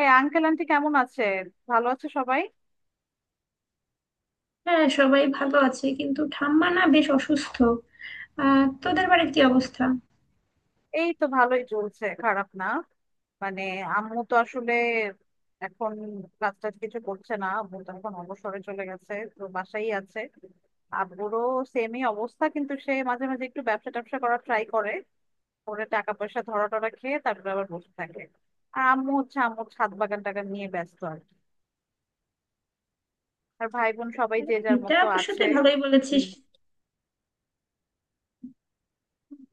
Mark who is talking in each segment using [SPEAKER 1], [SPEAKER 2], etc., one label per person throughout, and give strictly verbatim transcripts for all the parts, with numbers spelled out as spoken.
[SPEAKER 1] এই uncle aunty কেমন আছে? ভালো আছে সবাই।
[SPEAKER 2] হ্যাঁ, সবাই ভালো আছে, কিন্তু ঠাম্মা না বেশ অসুস্থ। আহ তোদের বাড়ির কি অবস্থা?
[SPEAKER 1] এই তো ভালোই চলছে, খারাপ না। মানে আম্মু তো আসলে এখন কাজ টাজ কিছু করছে না। আম্মু তো এখন অবসরে চলে গেছে, তো বাসাই আছে। আব্বুরও সেমই অবস্থা, কিন্তু সে মাঝে মাঝে একটু ব্যবসা ট্যাবসা করার ট্রাই করে, করে টাকা পয়সা ধরা টরা খেয়ে তারপরে আবার বসে থাকে। আর আম্মু হচ্ছে, আম্মুর ছাদ বাগান টাগান নিয়ে ব্যস্ত আর কি। আর ভাই বোন সবাই
[SPEAKER 2] মানে
[SPEAKER 1] যে যার
[SPEAKER 2] এটা
[SPEAKER 1] মতো
[SPEAKER 2] অবশ্য
[SPEAKER 1] আছে।
[SPEAKER 2] তুই ভালোই বলেছিস।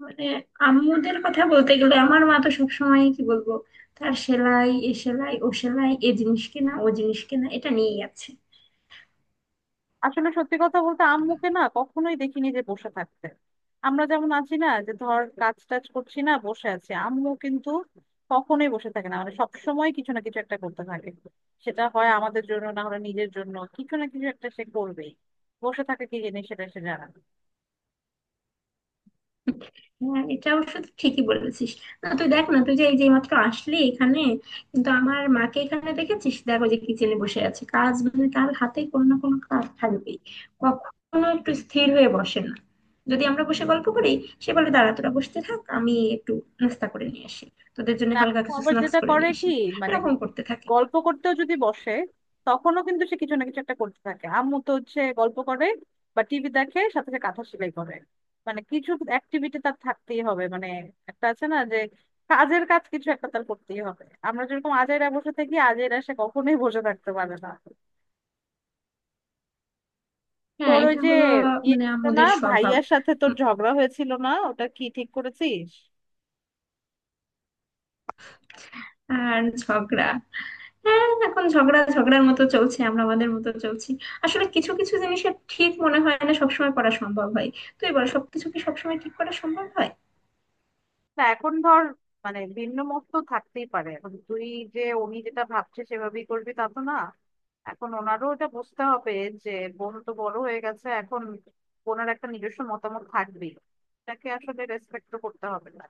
[SPEAKER 2] মানে আম্মুদের কথা বলতে গেলে আমার মা তো সবসময়, কি বলবো, তার সেলাই এ সেলাই ও সেলাই, এ জিনিস কেনা ও জিনিস কেনা, এটা নিয়েই আছে।
[SPEAKER 1] আসলে সত্যি কথা বলতে, আম্মুকে না কখনোই দেখিনি যে বসে থাকতে। আমরা যেমন আছি না, যে ধর কাজ টাজ করছি না, বসে আছি, আম্মু কিন্তু কখনোই বসে থাকে না। মানে সবসময় কিছু না কিছু একটা করতে থাকে। সেটা হয় আমাদের জন্য, না হলে নিজের জন্য কিছু না কিছু একটা সে করবেই। বসে থাকে কি জিনিস সেটা সে জানে না।
[SPEAKER 2] হ্যাঁ, এটা অবশ্য তুই ঠিকই বলেছিস। না, তুই দেখ না, তুই যে এই যে মাত্র আসলি এখানে, কিন্তু আমার মাকে এখানে দেখেছিস, দেখো যে কিচেনে বসে আছে, কাজ মানে তার হাতে কোনো না কোনো কাজ থাকবেই। কখনো একটু স্থির হয়ে বসে না। যদি আমরা বসে গল্প করি, সে বলে দাঁড়া তোরা বসতে থাক, আমি একটু নাস্তা করে নিয়ে আসি, তোদের জন্য
[SPEAKER 1] না,
[SPEAKER 2] হালকা
[SPEAKER 1] ও
[SPEAKER 2] কিছু
[SPEAKER 1] আবার
[SPEAKER 2] স্ন্যাক্স
[SPEAKER 1] যেটা
[SPEAKER 2] করে
[SPEAKER 1] করে
[SPEAKER 2] নিয়ে
[SPEAKER 1] কি,
[SPEAKER 2] আসি।
[SPEAKER 1] মানে
[SPEAKER 2] এরকম করতে থাকে।
[SPEAKER 1] গল্প করতেও যদি বসে, তখনও কিন্তু সে কিছু না কিছু একটা করতে থাকে। আম্মু তো হচ্ছে গল্প করে বা টিভি দেখে সাথে সাথে কাঁথা সেলাই করে। মানে কিছু অ্যাক্টিভিটি তার থাকতেই হবে। মানে একটা আছে না, যে কাজের কাজ কিছু একটা তার করতেই হবে। আমরা যেরকম আজাইরা বসে থাকি, আজাইরা সে কখনোই বসে থাকতে পারে না।
[SPEAKER 2] হ্যাঁ,
[SPEAKER 1] তোর ওই
[SPEAKER 2] এটা
[SPEAKER 1] যে
[SPEAKER 2] হলো
[SPEAKER 1] ইয়ে
[SPEAKER 2] মানে
[SPEAKER 1] ছিল না,
[SPEAKER 2] আমাদের স্বভাব।
[SPEAKER 1] ভাইয়ার সাথে তোর
[SPEAKER 2] উম,
[SPEAKER 1] ঝগড়া হয়েছিল না, ওটা কি ঠিক করেছিস?
[SPEAKER 2] আর ঝগড়া, হ্যাঁ এখন ঝগড়া ঝগড়ার মতো চলছে, আমরা আমাদের মতো চলছি। আসলে কিছু কিছু জিনিসের ঠিক মনে হয় না সবসময় করা সম্ভব হয়। তুই বল, সবকিছু কি সবসময় ঠিক করা সম্ভব হয়?
[SPEAKER 1] না, এখন ধর, মানে ভিন্ন মত তো থাকতেই পারে। এখন তুই যে উনি যেটা ভাবছে সেভাবেই করবি, তা তো না। এখন ওনারও এটা বুঝতে হবে যে বোন তো বড় হয়ে গেছে এখন, বোনের একটা নিজস্ব মতামত থাকবেই। তাকে আসলে রেসপেক্ট তো করতে হবে, না?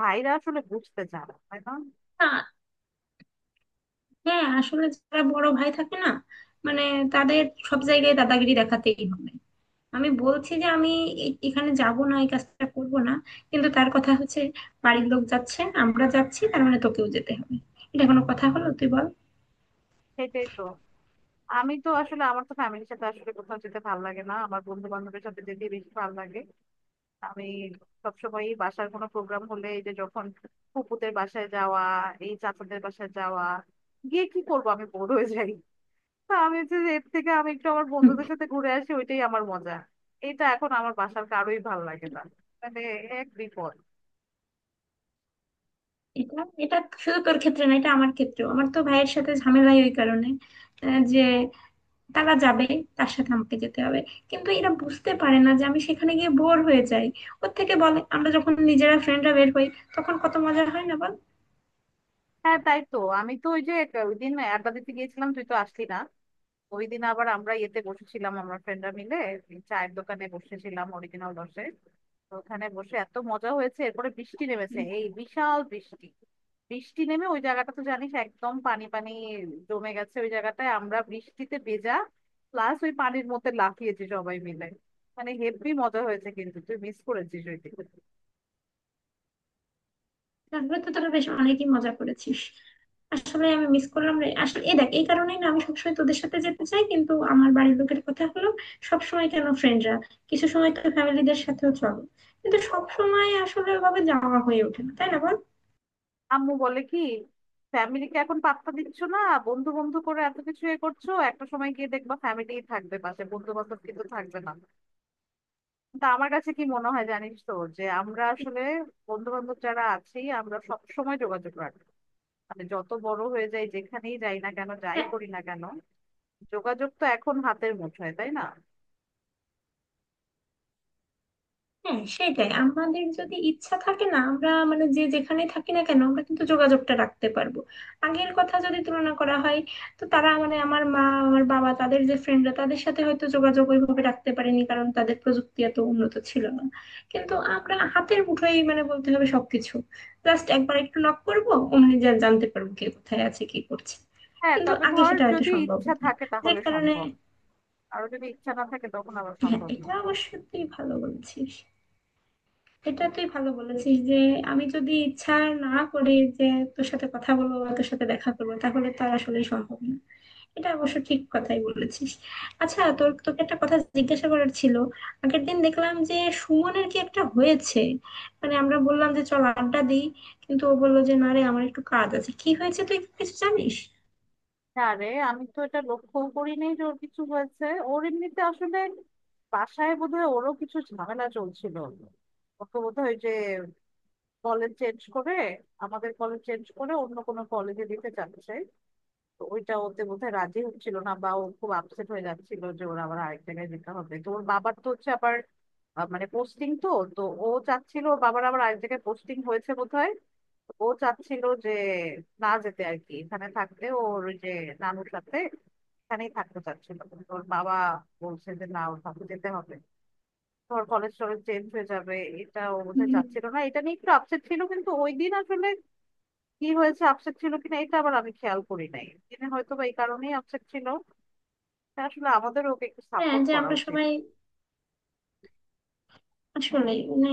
[SPEAKER 1] ভাইরা আসলে বুঝতে চায় না, তাই না?
[SPEAKER 2] না। হ্যাঁ আসলে যারা বড় ভাই থাকে না, মানে তাদের সব জায়গায় দাদাগিরি দেখাতেই হবে। আমি বলছি যে আমি এ- এখানে যাব না, এই কাজটা করব না, কিন্তু তার কথা হচ্ছে বাড়ির লোক যাচ্ছে, আমরা যাচ্ছি, তার মানে তোকেও যেতে হবে। এটা কোনো কথা হলো, তুই বল?
[SPEAKER 1] সেটাই তো। আমি তো আসলে, আমার তো ফ্যামিলির সাথে আসলে কোথাও যেতে ভালো লাগে না, আমার বন্ধু বান্ধবের সাথে যেতে বেশি ভালো লাগে। আমি সবসময়ই বাসার কোনো প্রোগ্রাম হলে, এই যে যখন ফুপুদের বাসায় যাওয়া, এই চাচাদের বাসায় যাওয়া, গিয়ে কি করবো, আমি বোর হয়ে যাই। তা আমি হচ্ছে যে এর থেকে আমি একটু আমার বন্ধুদের সাথে ঘুরে আসি, ওইটাই আমার মজা। এটা এখন আমার বাসার কারোই ভালো লাগে না। মানে এক বিপদ।
[SPEAKER 2] এটা এটা শুধু তোর ক্ষেত্রে না, এটা আমার ক্ষেত্রেও। আমার তো ভাইয়ের সাথে ঝামেলাই ওই কারণে। আহ, যে তারা যাবে, তার সাথে আমাকে যেতে হবে। কিন্তু এরা বুঝতে পারে না যে আমি সেখানে গিয়ে বোর হয়ে যাই। ওর থেকে বলে আমরা যখন নিজেরা ফ্রেন্ডরা বের হই, তখন কত মজা হয় না বল।
[SPEAKER 1] হ্যাঁ তাই তো, আমি তো ওই যে এক- ওই দিন আড্ডা দিতে গিয়েছিলাম, তুই তো আসলি না। ওই দিন আবার আমরা ইয়েতে বসেছিলাম, আমরা ফ্রেন্ডরা মিলে এই চায়ের দোকানে বসেছিলাম অরিজিনাল দশে। তো ওখানে বসে এত মজা হয়েছে, এরপরে বৃষ্টি নেমেছে, এই বিশাল বৃষ্টি। বৃষ্টি নেমে ওই জায়গাটা তো জানিস একদম পানি পানি জমে গেছে। ওই জায়গাটায় আমরা বৃষ্টিতে ভেজা, প্লাস ওই পানির মধ্যে লাফিয়েছি সবাই মিলে। মানে হেব্বি মজা হয়েছে, কিন্তু তুই মিস করেছিস ওই দিন।
[SPEAKER 2] তারপরে তো তোরা বেশ অনেকই মজা করেছিস। আসলে আমি মিস করলাম রে। আসলে এই দেখ, এই কারণেই না আমি সবসময় তোদের সাথে যেতে চাই, কিন্তু আমার বাড়ির লোকের কথা হলো সবসময় কেন ফ্রেন্ডরা, কিছু সময় তো ফ্যামিলিদের সাথেও চলো। কিন্তু সব সময় আসলে ওভাবে যাওয়া হয়ে ওঠে না, তাই না বল।
[SPEAKER 1] আম্মু বলে কি, ফ্যামিলিকে এখন পাত্তা দিচ্ছ না, বন্ধু বন্ধু করে এত কিছু এ করছো, একটা সময় গিয়ে দেখবা ফ্যামিলি থাকবে পাশে, বন্ধু বান্ধব কিন্তু থাকবে না। তা আমার কাছে কি মনে হয় জানিস তো, যে আমরা আসলে বন্ধু বান্ধব যারা আছি, আমরা সব সময় যোগাযোগ রাখি। মানে যত বড় হয়ে যাই, যেখানেই যাই না কেন, যাই করি না কেন, যোগাযোগ তো এখন হাতের মুঠোয়, তাই না?
[SPEAKER 2] হ্যাঁ, সেটাই, আমাদের যদি ইচ্ছা থাকে না, আমরা মানে যে যেখানে থাকি না কেন, আমরা কিন্তু যোগাযোগটা রাখতে পারবো। আগের কথা যদি তুলনা করা হয়, তো তারা মানে আমার মা, আমার বাবা, তাদের যে ফ্রেন্ডরা, তাদের সাথে হয়তো যোগাযোগ ওইভাবে রাখতে পারেনি, কারণ তাদের প্রযুক্তি এত উন্নত ছিল না। কিন্তু আমরা হাতের মুঠোয় মানে বলতে হবে সবকিছু। জাস্ট একবার একটু নক করবো, অমনি যা জানতে পারবো কে কোথায় আছে, কি করছে।
[SPEAKER 1] হ্যাঁ,
[SPEAKER 2] কিন্তু
[SPEAKER 1] তবে
[SPEAKER 2] আগে
[SPEAKER 1] ধর
[SPEAKER 2] সেটা হয়তো
[SPEAKER 1] যদি
[SPEAKER 2] সম্ভব
[SPEAKER 1] ইচ্ছা
[SPEAKER 2] হতো না,
[SPEAKER 1] থাকে
[SPEAKER 2] যে
[SPEAKER 1] তাহলে
[SPEAKER 2] কারণে।
[SPEAKER 1] সম্ভব। আর যদি ইচ্ছা না থাকে, তখন আবার
[SPEAKER 2] হ্যাঁ,
[SPEAKER 1] সম্ভব না।
[SPEAKER 2] এটা অবশ্যই তুই ভালো বলেছিস। এটা তুই ভালো বলেছিস যে আমি যদি ইচ্ছা না করি যে তোর সাথে কথা বলবো বা তোর সাথে দেখা করবো, তাহলে তো আর আসলেই সম্ভব না। এটা অবশ্য ঠিক কথাই বলেছিস। আচ্ছা, তোর তোকে একটা কথা জিজ্ঞাসা করার ছিল। আগের দিন দেখলাম যে সুমনের কি একটা হয়েছে। মানে আমরা বললাম যে চল আড্ডা দিই, কিন্তু ও বললো যে না রে আমার একটু কাজ আছে। কি হয়েছে, তুই কিছু জানিস?
[SPEAKER 1] হ্যাঁ রে, আমি তো এটা লক্ষ্য করি নাই যে ওর কিছু হয়েছে। ওর এমনিতে আসলে বাসায় বোধহয় ওরও কিছু ঝামেলা চলছিল। ওকে বোধহয় ওই যে কলেজ চেঞ্জ করে, আমাদের কলেজ চেঞ্জ করে অন্য কোনো কলেজে দিতে চাচ্ছে। তো ওইটা ওতে বোধহয় রাজি হচ্ছিল না, বা ও খুব আপসেট হয়ে যাচ্ছিল যে ওর আবার আরেক জায়গায় যেতে হবে। তো ওর বাবার তো হচ্ছে আবার আহ, মানে পোস্টিং তো, তো ও চাচ্ছিল, ওর বাবার আবার আরেক জায়গায় পোস্টিং হয়েছে বোধহয়। ও চাচ্ছিল যে না যেতে, আর কি এখানে থাকতে, ওর ওই যে নানুর সাথে এখানেই থাকতে চাচ্ছিল। কিন্তু ওর বাবা বলছে যে না, ওর সাথে যেতে হবে, ধর কলেজ টলেজ চেঞ্জ হয়ে যাবে। এটা ও বোধহয়
[SPEAKER 2] হুম,
[SPEAKER 1] চাচ্ছিল না, এটা নিয়ে একটু আপসেট ছিল। কিন্তু ওই দিন আসলে কি হয়েছে, আপসেট ছিল কিনা এটা আবার আমি খেয়াল করি নাই। তিনি হয়তো বা এই কারণেই আপসেট ছিল। তা আসলে আমাদের ওকে একটু
[SPEAKER 2] হ্যাঁ,
[SPEAKER 1] সাপোর্ট
[SPEAKER 2] যে
[SPEAKER 1] করা
[SPEAKER 2] আমরা
[SPEAKER 1] উচিত।
[SPEAKER 2] সবাই আসলে মানে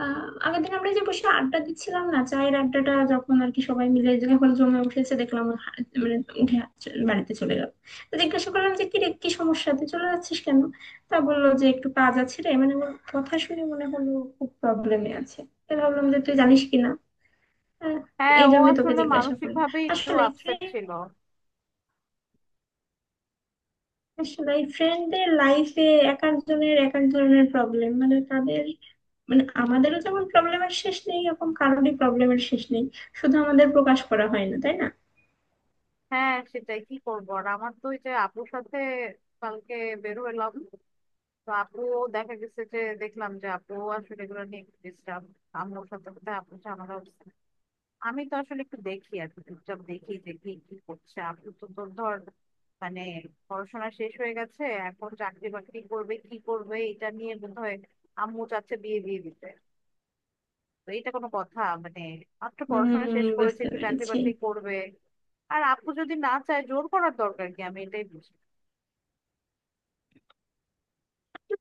[SPEAKER 2] আহ আগের দিন আমরা যে বসে আড্ডা দিচ্ছিলাম না, চায়ের আড্ডাটা যখন আর কি সবাই মিলে যখন জমে উঠেছে, দেখলাম ও হা- মানে উঠে হা- চ- বাড়িতে চলে গেল। তো জিজ্ঞাসা করলাম যে কি রে কি সমস্যা, তুই চলে যাচ্ছিস কেন? তা বললো যে একটু কাজ আছে রে। মানে ওর কথা শুনে মনে হলো খুব প্রবলেমে আছে। তাই ভাবলাম যে তুই জানিস কিনা। আহ,
[SPEAKER 1] হ্যাঁ,
[SPEAKER 2] এই
[SPEAKER 1] ও
[SPEAKER 2] জন্য তোকে
[SPEAKER 1] আসলে
[SPEAKER 2] জিজ্ঞাসা
[SPEAKER 1] মানসিক
[SPEAKER 2] করলাম।
[SPEAKER 1] ভাবে একটু
[SPEAKER 2] আসলে
[SPEAKER 1] আপসেট
[SPEAKER 2] ফ্রেন্ড
[SPEAKER 1] ছিল।
[SPEAKER 2] আসলে ফ্রেন্ডদের লাইফে এক একজনের এক এক ধরনের প্রবলেম। মানে তাদের মানে আমাদেরও যেমন প্রবলেমের শেষ নেই, এরকম কারোরই প্রবলেমের শেষ নেই, শুধু আমাদের প্রকাশ করা হয় না, তাই না?
[SPEAKER 1] হ্যাঁ সেটাই, কি করবো আর। আমার তো ওই যে আপুর সাথে কালকে বেরোলাম, তো আপু, দেখা গেছে যে, দেখলাম যে আপু আসলে এগুলো নিয়ে একটু ডিস্টার্ব। আমার সাথে বোধহয় আপুর ঝামেলা হচ্ছে। আমি তো আসলে একটু দেখি আর কি, চুপচাপ দেখি যে কি কি করছে। আপু তো তোর ধর, মানে পড়াশোনা শেষ হয়ে গেছে, এখন চাকরি বাকরি করবে কি করবে এটা নিয়ে বোধহয়, আম্মু চাচ্ছে বিয়ে দিয়ে দিতে। তো এটা কোনো কথা? মানে মাত্র
[SPEAKER 2] উম
[SPEAKER 1] পড়াশোনা শেষ করেছে,
[SPEAKER 2] বুঝতে
[SPEAKER 1] একটু চাকরি
[SPEAKER 2] পেরেছি।
[SPEAKER 1] বাকরি করবে। আর আপু যদি না চায়, জোর করার দরকার কি, আমি এটাই বুঝি না।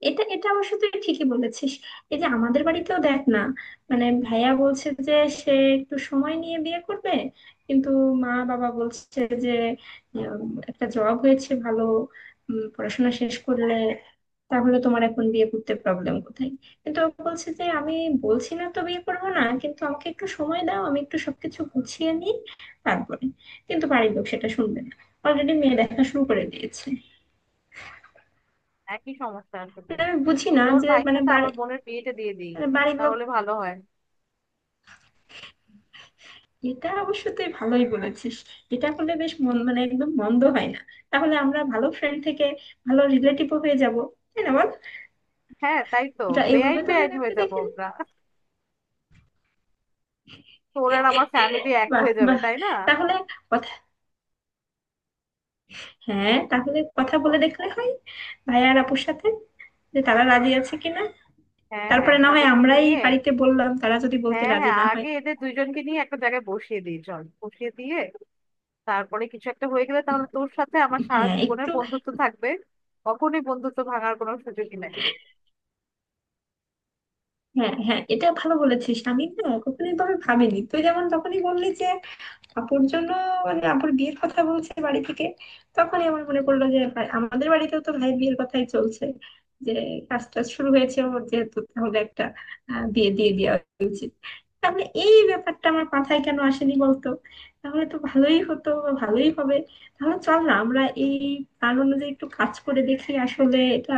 [SPEAKER 2] এটা এটা অবশ্য তুই ঠিকই বলেছিস। এই যে আমাদের বাড়িতেও দেখ না, মানে ভাইয়া বলছে যে সে একটু সময় নিয়ে বিয়ে করবে। কিন্তু মা বাবা বলছে যে উম, একটা জব হয়েছে ভালো, উম, পড়াশোনা শেষ করলে তাহলে তোমার এখন বিয়ে করতে প্রবলেম কোথায়। কিন্তু ও বলছে যে আমি বলছি না তো বিয়ে করবো না, কিন্তু আমাকে একটু সময় দাও, আমি একটু সবকিছু গুছিয়ে নিই তারপরে। কিন্তু বাড়ির লোক সেটা শুনবে না, অলরেডি মেয়ে দেখা শুরু করে দিয়েছে।
[SPEAKER 1] একই সমস্যা আসলে।
[SPEAKER 2] মানে আমি বুঝি না
[SPEAKER 1] তোর
[SPEAKER 2] যে
[SPEAKER 1] ভাইয়ের
[SPEAKER 2] মানে
[SPEAKER 1] সাথে
[SPEAKER 2] বাড়ি
[SPEAKER 1] আমার বোনের বিয়েটা দিয়ে দিই,
[SPEAKER 2] মানে বাড়ির লোক।
[SPEAKER 1] তাহলে ভালো হয়।
[SPEAKER 2] এটা অবশ্য তুই ভালোই বলেছিস। এটা হলে বেশ মন মানে একদম মন্দ হয় না। তাহলে আমরা ভালো ফ্রেন্ড থেকে ভালো রিলেটিভও হয়ে যাব, তাই না বল।
[SPEAKER 1] হ্যাঁ তাই তো।
[SPEAKER 2] এটা এইভাবে
[SPEAKER 1] বেআইন
[SPEAKER 2] তো আমি
[SPEAKER 1] বেআইন হয়ে
[SPEAKER 2] ভেবে
[SPEAKER 1] যাবো
[SPEAKER 2] দেখিনি।
[SPEAKER 1] আমরা, তোর আর আমার ফ্যামিলি এক
[SPEAKER 2] বাহ
[SPEAKER 1] হয়ে যাবে,
[SPEAKER 2] বাহ!
[SPEAKER 1] তাই না?
[SPEAKER 2] তাহলে কথা হ্যাঁ তাহলে কথা বলে দেখলে হয় ভাই আর আপুর সাথে, যে তারা রাজি আছে কিনা।
[SPEAKER 1] হ্যাঁ হ্যাঁ,
[SPEAKER 2] তারপরে না হয়
[SPEAKER 1] তাদেরকে
[SPEAKER 2] আমরাই
[SPEAKER 1] নিয়ে।
[SPEAKER 2] বাড়িতে বললাম, তারা যদি বলতে
[SPEAKER 1] হ্যাঁ
[SPEAKER 2] রাজি
[SPEAKER 1] হ্যাঁ,
[SPEAKER 2] না হয়।
[SPEAKER 1] আগে এদের দুইজনকে নিয়ে একটা জায়গায় বসিয়ে দিই, চল, বসিয়ে দিয়ে, তারপরে কিছু একটা হয়ে গেলে, তাহলে তোর সাথে আমার সারা
[SPEAKER 2] হ্যাঁ
[SPEAKER 1] জীবনের
[SPEAKER 2] একটু।
[SPEAKER 1] বন্ধুত্ব থাকবে। কখনোই বন্ধুত্ব ভাঙার কোনো সুযোগই নাই।
[SPEAKER 2] হ্যাঁ হ্যাঁ, এটা ভালো বলেছিস। আমি না কখনো এভাবে ভাবিনি। তুই যেমন তখনই বললি যে আপুর জন্য, মানে আপুর বিয়ের কথা বলছে বাড়ি থেকে, তখনই আমার মনে পড়লো যে ভাই আমাদের বাড়িতেও তো ভাই বিয়ের কথাই চলছে, যে কাজটা শুরু হয়েছে ওর যেহেতু, তাহলে একটা আহ, বিয়ে দিয়ে দেওয়া উচিত। তাহলে এই ব্যাপারটা আমার মাথায় কেন আসেনি বলতো। তাহলে তো ভালোই হতো বা ভালোই হবে। তাহলে চল না আমরা এই প্ল্যান অনুযায়ী একটু কাজ করে দেখি আসলে এটা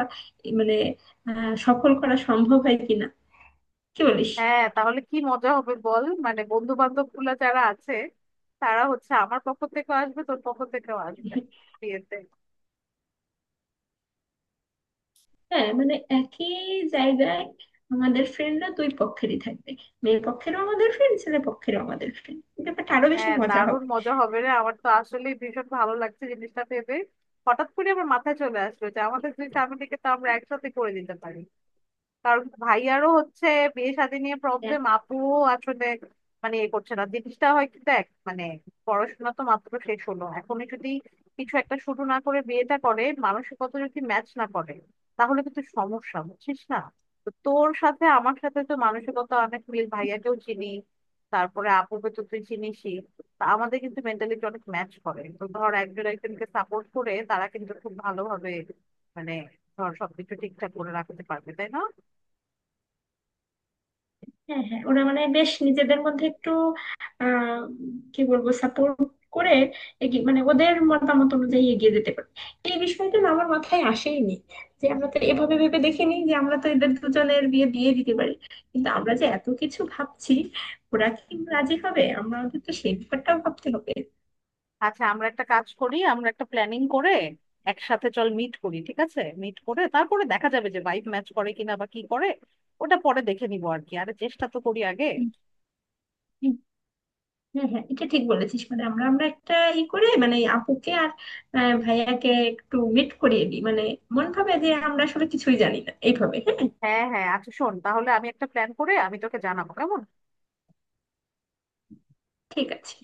[SPEAKER 2] মানে আহ সফল করা সম্ভব হয় কিনা। কি বলিস?
[SPEAKER 1] হ্যাঁ তাহলে কি মজা হবে বল, মানে বন্ধু বান্ধব গুলা যারা আছে, তারা হচ্ছে আমার পক্ষ থেকেও আসবে, তোর পক্ষ থেকেও আসবে বিয়েতে।
[SPEAKER 2] হ্যাঁ মানে একই জায়গায় আমাদের ফ্রেন্ডরা দুই পক্ষেরই থাকবে। মেয়ে পক্ষেরও আমাদের ফ্রেন্ড, ছেলে পক্ষেরও আমাদের ফ্রেন্ড। ব্যাপারটা আরো বেশি
[SPEAKER 1] হ্যাঁ,
[SPEAKER 2] মজা
[SPEAKER 1] দারুণ
[SPEAKER 2] হবে।
[SPEAKER 1] মজা হবে রে, আমার তো আসলে ভীষণ ভালো লাগছে জিনিসটা ভেবে। হঠাৎ করে আমার মাথায় চলে আসলো যে আমাদের দুই ফ্যামিলিকে তো আমরা একসাথে করে দিতে পারি। কারণ ভাইয়ারও হচ্ছে বিয়ে শাদী নিয়ে
[SPEAKER 2] হ্যাঁ
[SPEAKER 1] প্রবলেম, আপুও আসলে মানে এ করছে না। জিনিসটা হয় কি দেখ, মানে পড়াশোনা তো মাত্র শেষ হলো, এখনই যদি কিছু একটা শুরু না করে বিয়েটা করে, মানসিকতা যদি ম্যাচ না করে তাহলে কিন্তু সমস্যা, বুঝছিস না? তো তোর সাথে আমার সাথে তো মানসিকতা অনেক মিল, ভাইয়াকেও চিনি, তারপরে আপুকে তো তুই চিনিসই। তা আমাদের কিন্তু মেন্টালিটি অনেক ম্যাচ করে। তো ধর একজন একজনকে সাপোর্ট করে, তারা কিন্তু খুব ভালোভাবে, মানে ধর সবকিছু ঠিকঠাক করে রাখতে পারবে, তাই না?
[SPEAKER 2] হ্যাঁ, হ্যাঁ, ওরা মানে বেশ নিজেদের মধ্যে একটু আহ কি বলবো, সাপোর্ট করে এগিয়ে মানে ওদের মতামত অনুযায়ী এগিয়ে যেতে পারে। এই বিষয়টা না আমার মাথায় আসেইনি, যে আমরা তো এভাবে ভেবে দেখিনি যে আমরা তো এদের দুজনের বিয়ে দিয়ে দিতে পারি। কিন্তু আমরা যে এত কিছু ভাবছি, ওরা কি রাজি হবে, আমরা ওদের তো সেই ব্যাপারটাও ভাবতে হবে।
[SPEAKER 1] আচ্ছা আমরা একটা কাজ করি, আমরা একটা প্ল্যানিং করে একসাথে চল মিট করি, ঠিক আছে? মিট করে তারপরে দেখা যাবে যে ভাইব ম্যাচ করে কিনা বা কি করে, ওটা পরে দেখে নিবো আর কি। আরে চেষ্টা তো করি আগে।
[SPEAKER 2] হ্যাঁ হ্যাঁ, এটা ঠিক বলেছিস। মানে আমরা আমরা একটা ই করে মানে এই আপুকে আর আহ, ভাইয়াকে একটু মিট করিয়ে দিই, মানে মন ভাবে যে আমরা আসলে কিছুই জানি না এইভাবে। হ্যাঁ,
[SPEAKER 1] হ্যাঁ হ্যাঁ, আচ্ছা শোন, তাহলে আমি একটা প্ল্যান করে আমি তোকে জানাবো, কেমন?
[SPEAKER 2] ঠিক আছে।